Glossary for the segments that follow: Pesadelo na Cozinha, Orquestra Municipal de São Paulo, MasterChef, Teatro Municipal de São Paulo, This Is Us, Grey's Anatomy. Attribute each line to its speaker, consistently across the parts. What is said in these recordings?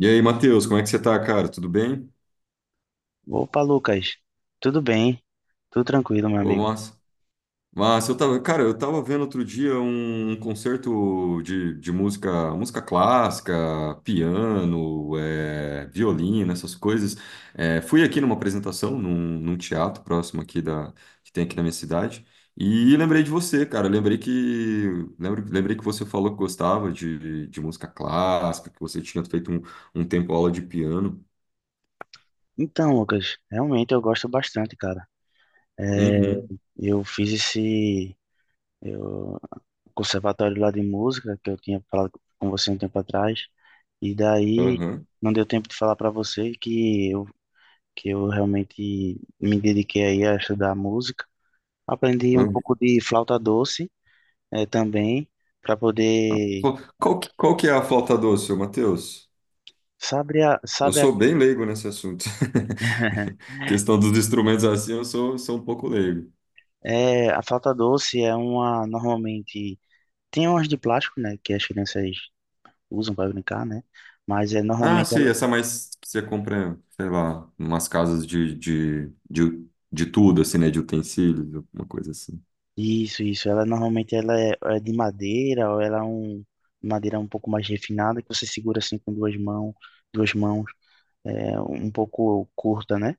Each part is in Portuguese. Speaker 1: E aí, Matheus, como é que você tá, cara? Tudo bem?
Speaker 2: Opa, Lucas. Tudo bem? Tudo tranquilo, meu
Speaker 1: Ô,
Speaker 2: amigo.
Speaker 1: massa. Massa, eu tava, cara, eu tava vendo outro dia um concerto de música, música clássica, piano, violino, essas coisas. É, fui aqui numa apresentação, num teatro próximo aqui da, que tem aqui na minha cidade, e lembrei de você, cara. Lembrei que, lembrei que você falou que gostava de música clássica, que você tinha feito um tempo aula de piano.
Speaker 2: Então, Lucas, realmente eu gosto bastante, cara. É,
Speaker 1: Uhum,
Speaker 2: eu fiz eu, conservatório lá de música que eu tinha falado com você um tempo atrás, e daí
Speaker 1: aham.
Speaker 2: não deu tempo de falar para você que eu realmente me dediquei aí a estudar música. Aprendi um pouco de flauta doce também, para poder.
Speaker 1: Qual que é a flauta doce, ô Matheus?
Speaker 2: Sabe, a,
Speaker 1: Eu
Speaker 2: sabe a,
Speaker 1: sou bem leigo nesse assunto. Questão dos instrumentos assim, sou um pouco leigo.
Speaker 2: a flauta doce é uma, normalmente. Tem umas de plástico, né, que as crianças usam para brincar, né? Mas é
Speaker 1: Ah,
Speaker 2: normalmente
Speaker 1: sei,
Speaker 2: ela.
Speaker 1: essa mais que você compra, sei lá, umas casas de tudo, assim, né? De utensílios, alguma coisa assim.
Speaker 2: Isso, ela normalmente ela é de madeira ou ela é um madeira um pouco mais refinada que você segura assim com duas mãos, é um pouco curta, né?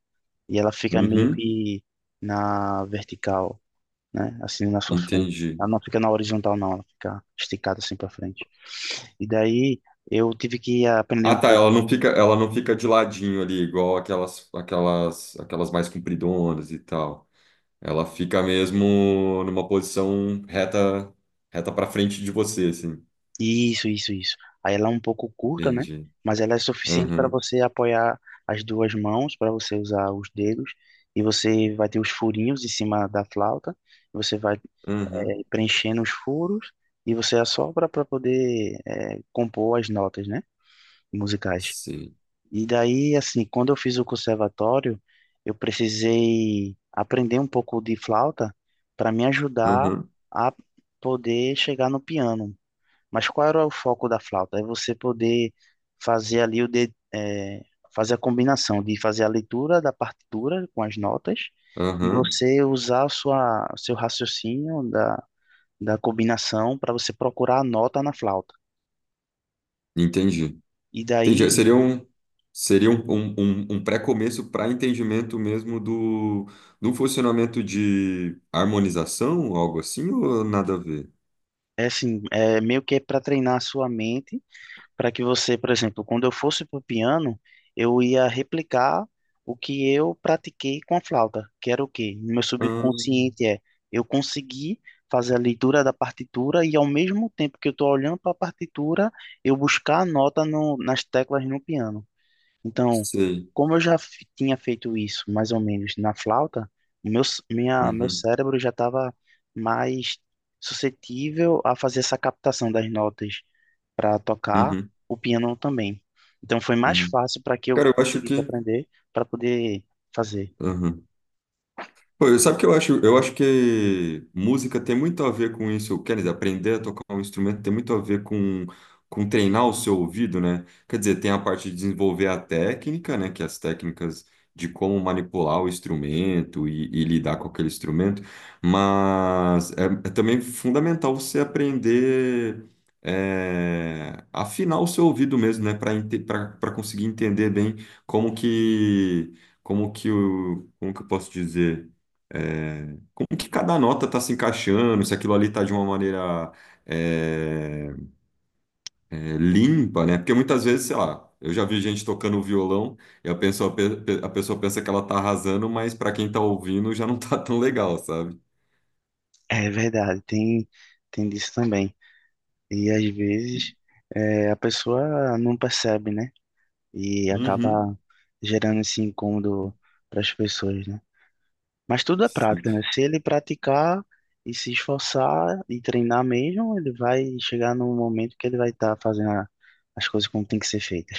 Speaker 2: E ela fica meio
Speaker 1: Uhum,
Speaker 2: que na vertical, né? Assim na sua frente.
Speaker 1: entendi.
Speaker 2: Ela não fica na horizontal não, ela fica esticada assim para frente. E daí eu tive que aprender
Speaker 1: Ah,
Speaker 2: um
Speaker 1: tá,
Speaker 2: pouco.
Speaker 1: ela não fica de ladinho ali, igual aquelas mais compridonas e tal. Ela fica mesmo numa posição reta, reta para frente de você, assim.
Speaker 2: Isso, isso, isso. Aí ela é um pouco curta, né?
Speaker 1: Entendi.
Speaker 2: Mas ela é suficiente para
Speaker 1: Aham,
Speaker 2: você apoiar as duas mãos, para você usar os dedos, e você vai ter os furinhos em cima da flauta, você vai
Speaker 1: aham,
Speaker 2: preenchendo os furos e você assopra para poder compor as notas, né? Musicais.
Speaker 1: sei.
Speaker 2: E daí, assim, quando eu fiz o conservatório, eu precisei aprender um pouco de flauta para me ajudar
Speaker 1: Aham,
Speaker 2: a poder chegar no piano. Mas qual era o foco da flauta? É você poder fazer ali fazer a combinação de fazer a leitura da partitura com as notas e
Speaker 1: aham,
Speaker 2: você usar a sua seu raciocínio da combinação para você procurar a nota na flauta.
Speaker 1: entendi.
Speaker 2: E
Speaker 1: Entendi.
Speaker 2: daí,
Speaker 1: Seria um, um pré-começo para entendimento mesmo do, do funcionamento de harmonização, algo assim, ou nada a ver?
Speaker 2: é assim, é meio que é para treinar a sua mente para que você, por exemplo, quando eu fosse para o piano, eu ia replicar o que eu pratiquei com a flauta, que era o quê? No meu
Speaker 1: Ah,
Speaker 2: subconsciente eu consegui fazer a leitura da partitura e ao mesmo tempo que eu estou olhando para a partitura, eu buscar a nota no, nas teclas no piano. Então,
Speaker 1: sei.
Speaker 2: como eu já tinha feito isso mais ou menos na flauta, o meu, c- minha, meu
Speaker 1: Uhum,
Speaker 2: cérebro já estava mais suscetível a fazer essa captação das notas para tocar
Speaker 1: uhum,
Speaker 2: o piano também. Então, foi mais
Speaker 1: uhum.
Speaker 2: fácil para que eu
Speaker 1: Cara, eu acho
Speaker 2: conseguisse
Speaker 1: que.
Speaker 2: aprender para poder fazer.
Speaker 1: Aham. Pô, sabe que eu acho? Eu acho que música tem muito a ver com isso. Quer dizer, aprender a tocar um instrumento tem muito a ver com treinar o seu ouvido, né? Quer dizer, tem a parte de desenvolver a técnica, né? Que é as técnicas de como manipular o instrumento e lidar com aquele instrumento. Mas é, é também fundamental você aprender afinar o seu ouvido mesmo, né? Para para conseguir entender bem como que como que o como que eu posso dizer é, como que cada nota está se encaixando, se aquilo ali está de uma maneira é, é, limpa, né? Porque muitas vezes, sei lá, eu já vi gente tocando violão e a pessoa, a pessoa pensa que ela tá arrasando, mas para quem tá ouvindo já não tá tão legal, sabe?
Speaker 2: É verdade, tem disso também. E às vezes a pessoa não percebe, né? E
Speaker 1: Uhum.
Speaker 2: acaba gerando esse incômodo para as pessoas, né? Mas tudo é
Speaker 1: Sim.
Speaker 2: prática, né? Se ele praticar e se esforçar e treinar mesmo, ele vai chegar num momento que ele vai estar fazendo as coisas como tem que ser feitas.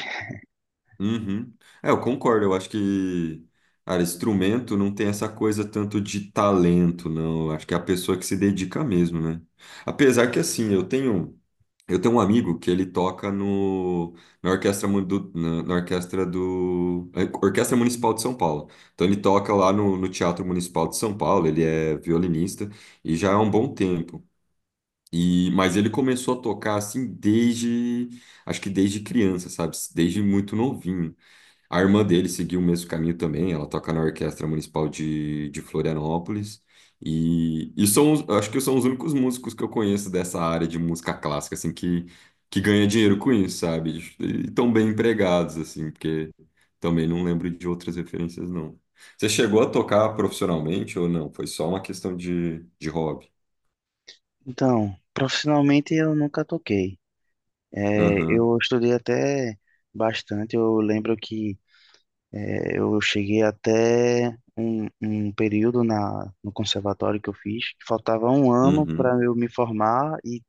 Speaker 1: Uhum. É, eu concordo. Eu acho que, cara, instrumento não tem essa coisa tanto de talento, não. Eu acho que é a pessoa que se dedica mesmo, né? Apesar que, assim, eu tenho um amigo que ele toca no, na orquestra, na orquestra do, Orquestra Municipal de São Paulo. Então, ele toca lá no, no Teatro Municipal de São Paulo. Ele é violinista e já há um bom tempo. E, mas ele começou a tocar assim desde, acho que desde criança, sabe? Desde muito novinho. A irmã dele seguiu o mesmo caminho também, ela toca na Orquestra Municipal de Florianópolis. E são, acho que são os únicos músicos que eu conheço dessa área de música clássica, assim, que ganha dinheiro com isso, sabe? E tão bem empregados, assim, porque também não lembro de outras referências, não. Você chegou a tocar profissionalmente ou não? Foi só uma questão de hobby?
Speaker 2: Então, profissionalmente eu nunca toquei. É,
Speaker 1: Aham,
Speaker 2: eu estudei até bastante. Eu lembro que eu cheguei até um, período na, no conservatório que eu fiz, que faltava um ano para
Speaker 1: uhum,
Speaker 2: eu me formar e,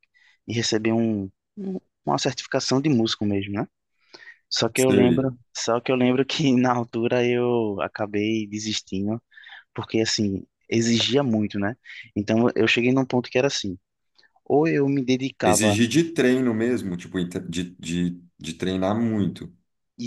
Speaker 2: e receber um- uma certificação de músico mesmo, né? Só que eu
Speaker 1: sei.
Speaker 2: lembro, só que eu lembro que na altura eu acabei desistindo, porque assim, exigia muito, né? Então eu cheguei num ponto que era assim, ou eu me dedicava.
Speaker 1: Exigir de treino mesmo, tipo, de treinar muito,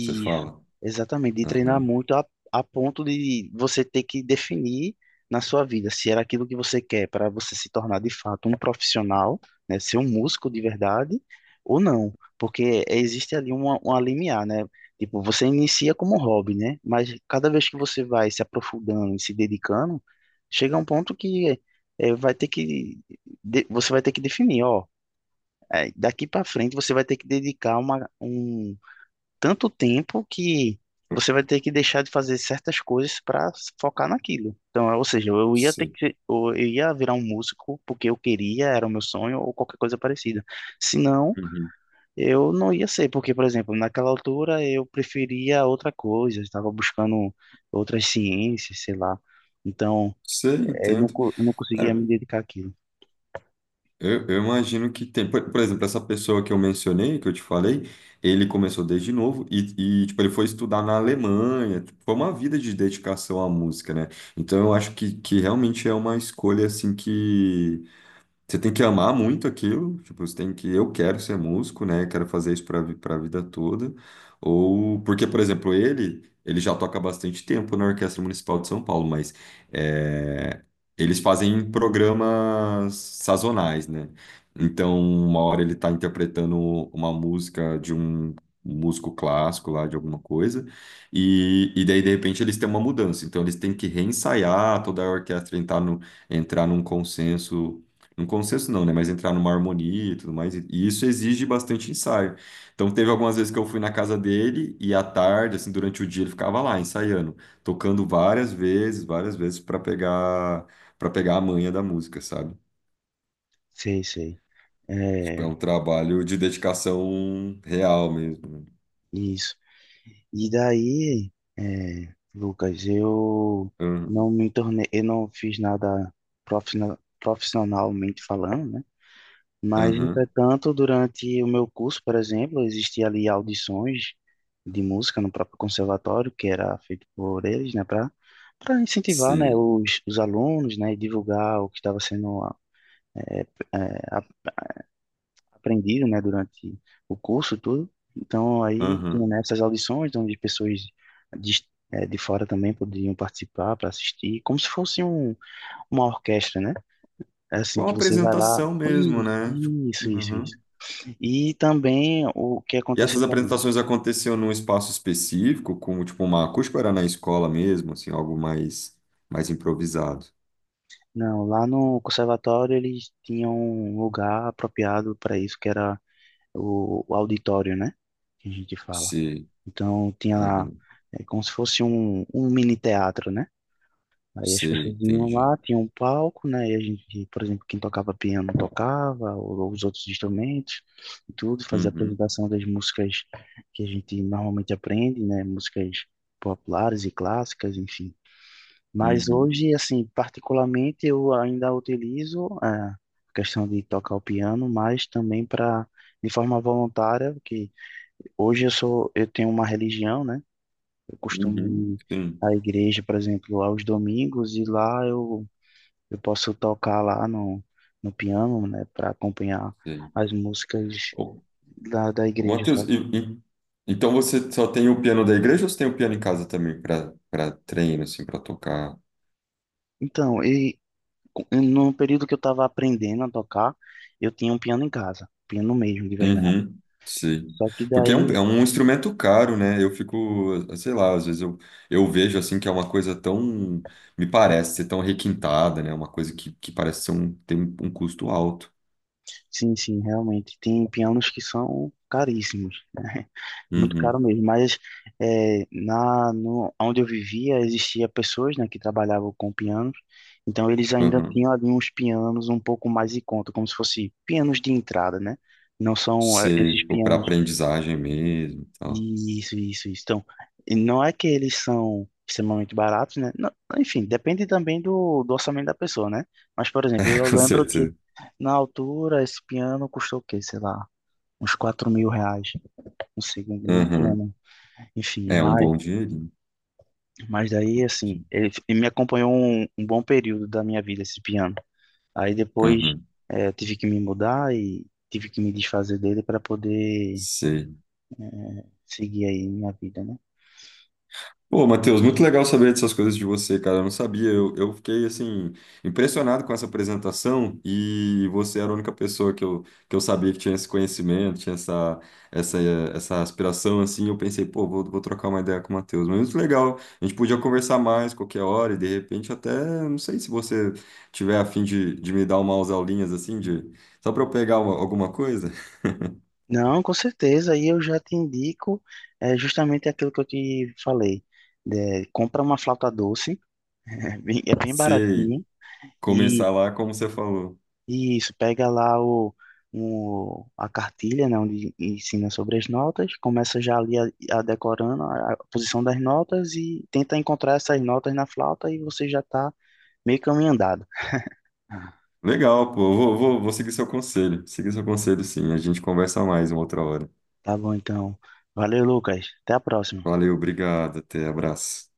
Speaker 1: você fala.
Speaker 2: exatamente, de treinar
Speaker 1: Aham,
Speaker 2: muito a ponto de você ter que definir na sua vida se era aquilo que você quer para você se tornar de fato um profissional, né, ser um músico de verdade ou não, porque existe ali uma, limiar, né? Tipo, você inicia como hobby, né? Mas cada vez que você vai se aprofundando e se dedicando, chega um ponto que vai ter que você vai ter que definir, ó, daqui para frente você vai ter que dedicar um tanto tempo que você vai ter que deixar de fazer certas coisas para focar naquilo. Então, ou seja, eu ia ter
Speaker 1: sei.
Speaker 2: que, eu ia virar um músico porque eu queria, era o meu sonho ou qualquer coisa parecida. Senão,
Speaker 1: Uhum.
Speaker 2: eu não ia ser, porque, por exemplo, naquela altura eu preferia outra coisa, eu estava buscando outras ciências, sei lá. Então,
Speaker 1: Sei,
Speaker 2: eu não,
Speaker 1: entendo.
Speaker 2: co- eu não conseguia me
Speaker 1: Cara,
Speaker 2: dedicar àquilo.
Speaker 1: eu imagino que tem. Por exemplo, essa pessoa que eu mencionei, que eu te falei, ele começou desde novo e, tipo, ele foi estudar na Alemanha. Tipo, foi uma vida de dedicação à música, né? Então eu acho que realmente é uma escolha assim que. Você tem que amar muito aquilo, tipo, você tem que, eu quero ser músico, né? Quero fazer isso para para a vida toda. Ou porque, por exemplo, ele já toca há bastante tempo na Orquestra Municipal de São Paulo, mas é, eles fazem programas sazonais, né? Então, uma hora ele está interpretando uma música de um músico clássico lá de alguma coisa, e daí de repente eles têm uma mudança, então eles têm que reensaiar toda a orquestra entrar no, entrar num consenso um consenso não, né? Mas entrar numa harmonia e tudo mais. E isso exige bastante ensaio. Então, teve algumas vezes que eu fui na casa dele e à tarde, assim, durante o dia, ele ficava lá ensaiando, tocando várias vezes para pegar a manha da música, sabe?
Speaker 2: Sei, sei.
Speaker 1: Tipo, é um
Speaker 2: É,
Speaker 1: trabalho de dedicação real mesmo. Né?
Speaker 2: isso. E daí, Lucas, eu
Speaker 1: Aham,
Speaker 2: não me tornei, eu não fiz nada profissionalmente falando, né? Mas,
Speaker 1: aham,
Speaker 2: entretanto, durante o meu curso, por exemplo, existia ali audições de música no próprio conservatório, que era feito por eles, né, para incentivar, né,
Speaker 1: sim,
Speaker 2: os alunos, né, e divulgar o que estava sendo é, aprendido, né, durante o curso todo. Então, aí, tinha,
Speaker 1: aham.
Speaker 2: né, essas audições onde pessoas de, de fora também poderiam participar para assistir, como se fosse uma orquestra, né? É assim,
Speaker 1: Com a
Speaker 2: que você vai lá.
Speaker 1: apresentação mesmo,
Speaker 2: Isso,
Speaker 1: né? Tipo,
Speaker 2: isso, isso,
Speaker 1: Aham.
Speaker 2: isso. E também o que
Speaker 1: E
Speaker 2: aconteceu
Speaker 1: essas
Speaker 2: também.
Speaker 1: apresentações aconteciam num espaço específico, como tipo uma acústica, ou era na escola mesmo, assim, algo mais mais improvisado.
Speaker 2: Não, lá no conservatório eles tinham um lugar apropriado para isso, que era o auditório, né? Que a gente fala.
Speaker 1: Sim,
Speaker 2: Então, tinha lá,
Speaker 1: uhum,
Speaker 2: é como se fosse um, mini teatro, né? Aí as
Speaker 1: sim,
Speaker 2: pessoas iam
Speaker 1: entendi.
Speaker 2: lá, tinha um palco, né? E a gente, por exemplo, quem tocava piano tocava, ou os outros instrumentos, e tudo, fazia a
Speaker 1: Uhum,
Speaker 2: apresentação das músicas que a gente normalmente aprende, né? Músicas populares e clássicas, enfim. Mas
Speaker 1: uhum,
Speaker 2: hoje, assim, particularmente, eu ainda utilizo a questão de tocar o piano, mas também para, de forma voluntária, porque hoje eu tenho uma religião, né? Eu costumo
Speaker 1: uhum,
Speaker 2: ir
Speaker 1: sim,
Speaker 2: à igreja, por exemplo, aos domingos, e lá eu posso tocar lá no, piano, né, para acompanhar
Speaker 1: sim.
Speaker 2: as músicas
Speaker 1: Ô,
Speaker 2: da
Speaker 1: ô,
Speaker 2: igreja,
Speaker 1: Matheus,
Speaker 2: sabe?
Speaker 1: então você só tem o piano da igreja ou você tem o piano em casa também para para treino, assim, para tocar?
Speaker 2: Então, no período que eu estava aprendendo a tocar, eu tinha um piano em casa, piano mesmo, de verdade.
Speaker 1: Uhum, sim.
Speaker 2: Só que
Speaker 1: Porque
Speaker 2: daí.
Speaker 1: é um instrumento caro, né? Eu fico, sei lá, às vezes eu vejo assim que é uma coisa tão, me parece ser tão requintada, né? Uma coisa que parece ser um, tem um, um custo alto.
Speaker 2: Sim, sim, realmente. Tem pianos que são caríssimos, né? Muito caro
Speaker 1: Uhum,
Speaker 2: mesmo. Mas na, no, onde eu vivia, existia pessoas, né, que trabalhavam com pianos. Então, eles ainda
Speaker 1: uhum.
Speaker 2: tinham ali uns pianos um pouco mais em conta, como se fosse pianos de entrada, né? Não são
Speaker 1: Sei,
Speaker 2: esses
Speaker 1: tipo, para
Speaker 2: pianos.
Speaker 1: aprendizagem mesmo, e tal.
Speaker 2: Isso, isso, isso. Então, e não é que eles são extremamente baratos, né? Não, enfim, depende também do orçamento da pessoa, né? Mas, por exemplo, eu
Speaker 1: Com
Speaker 2: lembro que
Speaker 1: certeza.
Speaker 2: na altura esse piano custou o quê? Sei lá, uns R$ 4.000. Não sei nem que
Speaker 1: Uhum.
Speaker 2: ano. Enfim,
Speaker 1: É um
Speaker 2: mas,
Speaker 1: bom dinheirinho.
Speaker 2: mas daí, assim, ele, me acompanhou um bom período da minha vida, esse piano. Aí depois
Speaker 1: Uhum.
Speaker 2: eu tive que me mudar e tive que me desfazer dele para poder
Speaker 1: Sei.
Speaker 2: seguir aí minha vida, né?
Speaker 1: Pô, Matheus, muito legal saber dessas coisas de você, cara. Eu não sabia. Eu fiquei, assim, impressionado com essa apresentação e você era a única pessoa que eu sabia que tinha esse conhecimento, tinha essa, essa, essa aspiração, assim. Eu pensei, pô, vou, vou trocar uma ideia com o Matheus. Mas muito legal. A gente podia conversar mais qualquer hora e, de repente, até, não sei se você tiver a fim de me dar umas aulinhas, assim, de, só para eu pegar alguma coisa.
Speaker 2: Não, com certeza. E eu já te indico justamente aquilo que eu te falei. Né, compra uma flauta doce, é bem
Speaker 1: Sei,
Speaker 2: baratinho. E,
Speaker 1: começar lá como você falou.
Speaker 2: e isso, pega lá a cartilha, né, onde ensina sobre as notas. Começa já ali a decorando a posição das notas e tenta encontrar essas notas na flauta e você já está meio caminho andado. Ah,
Speaker 1: Legal, pô. Eu Vou, vou, vou seguir seu conselho. Seguir seu conselho, sim. A gente conversa mais uma outra hora.
Speaker 2: tá bom, então. Valeu, Lucas. Até a próxima.
Speaker 1: Valeu, obrigado. Até, abraço.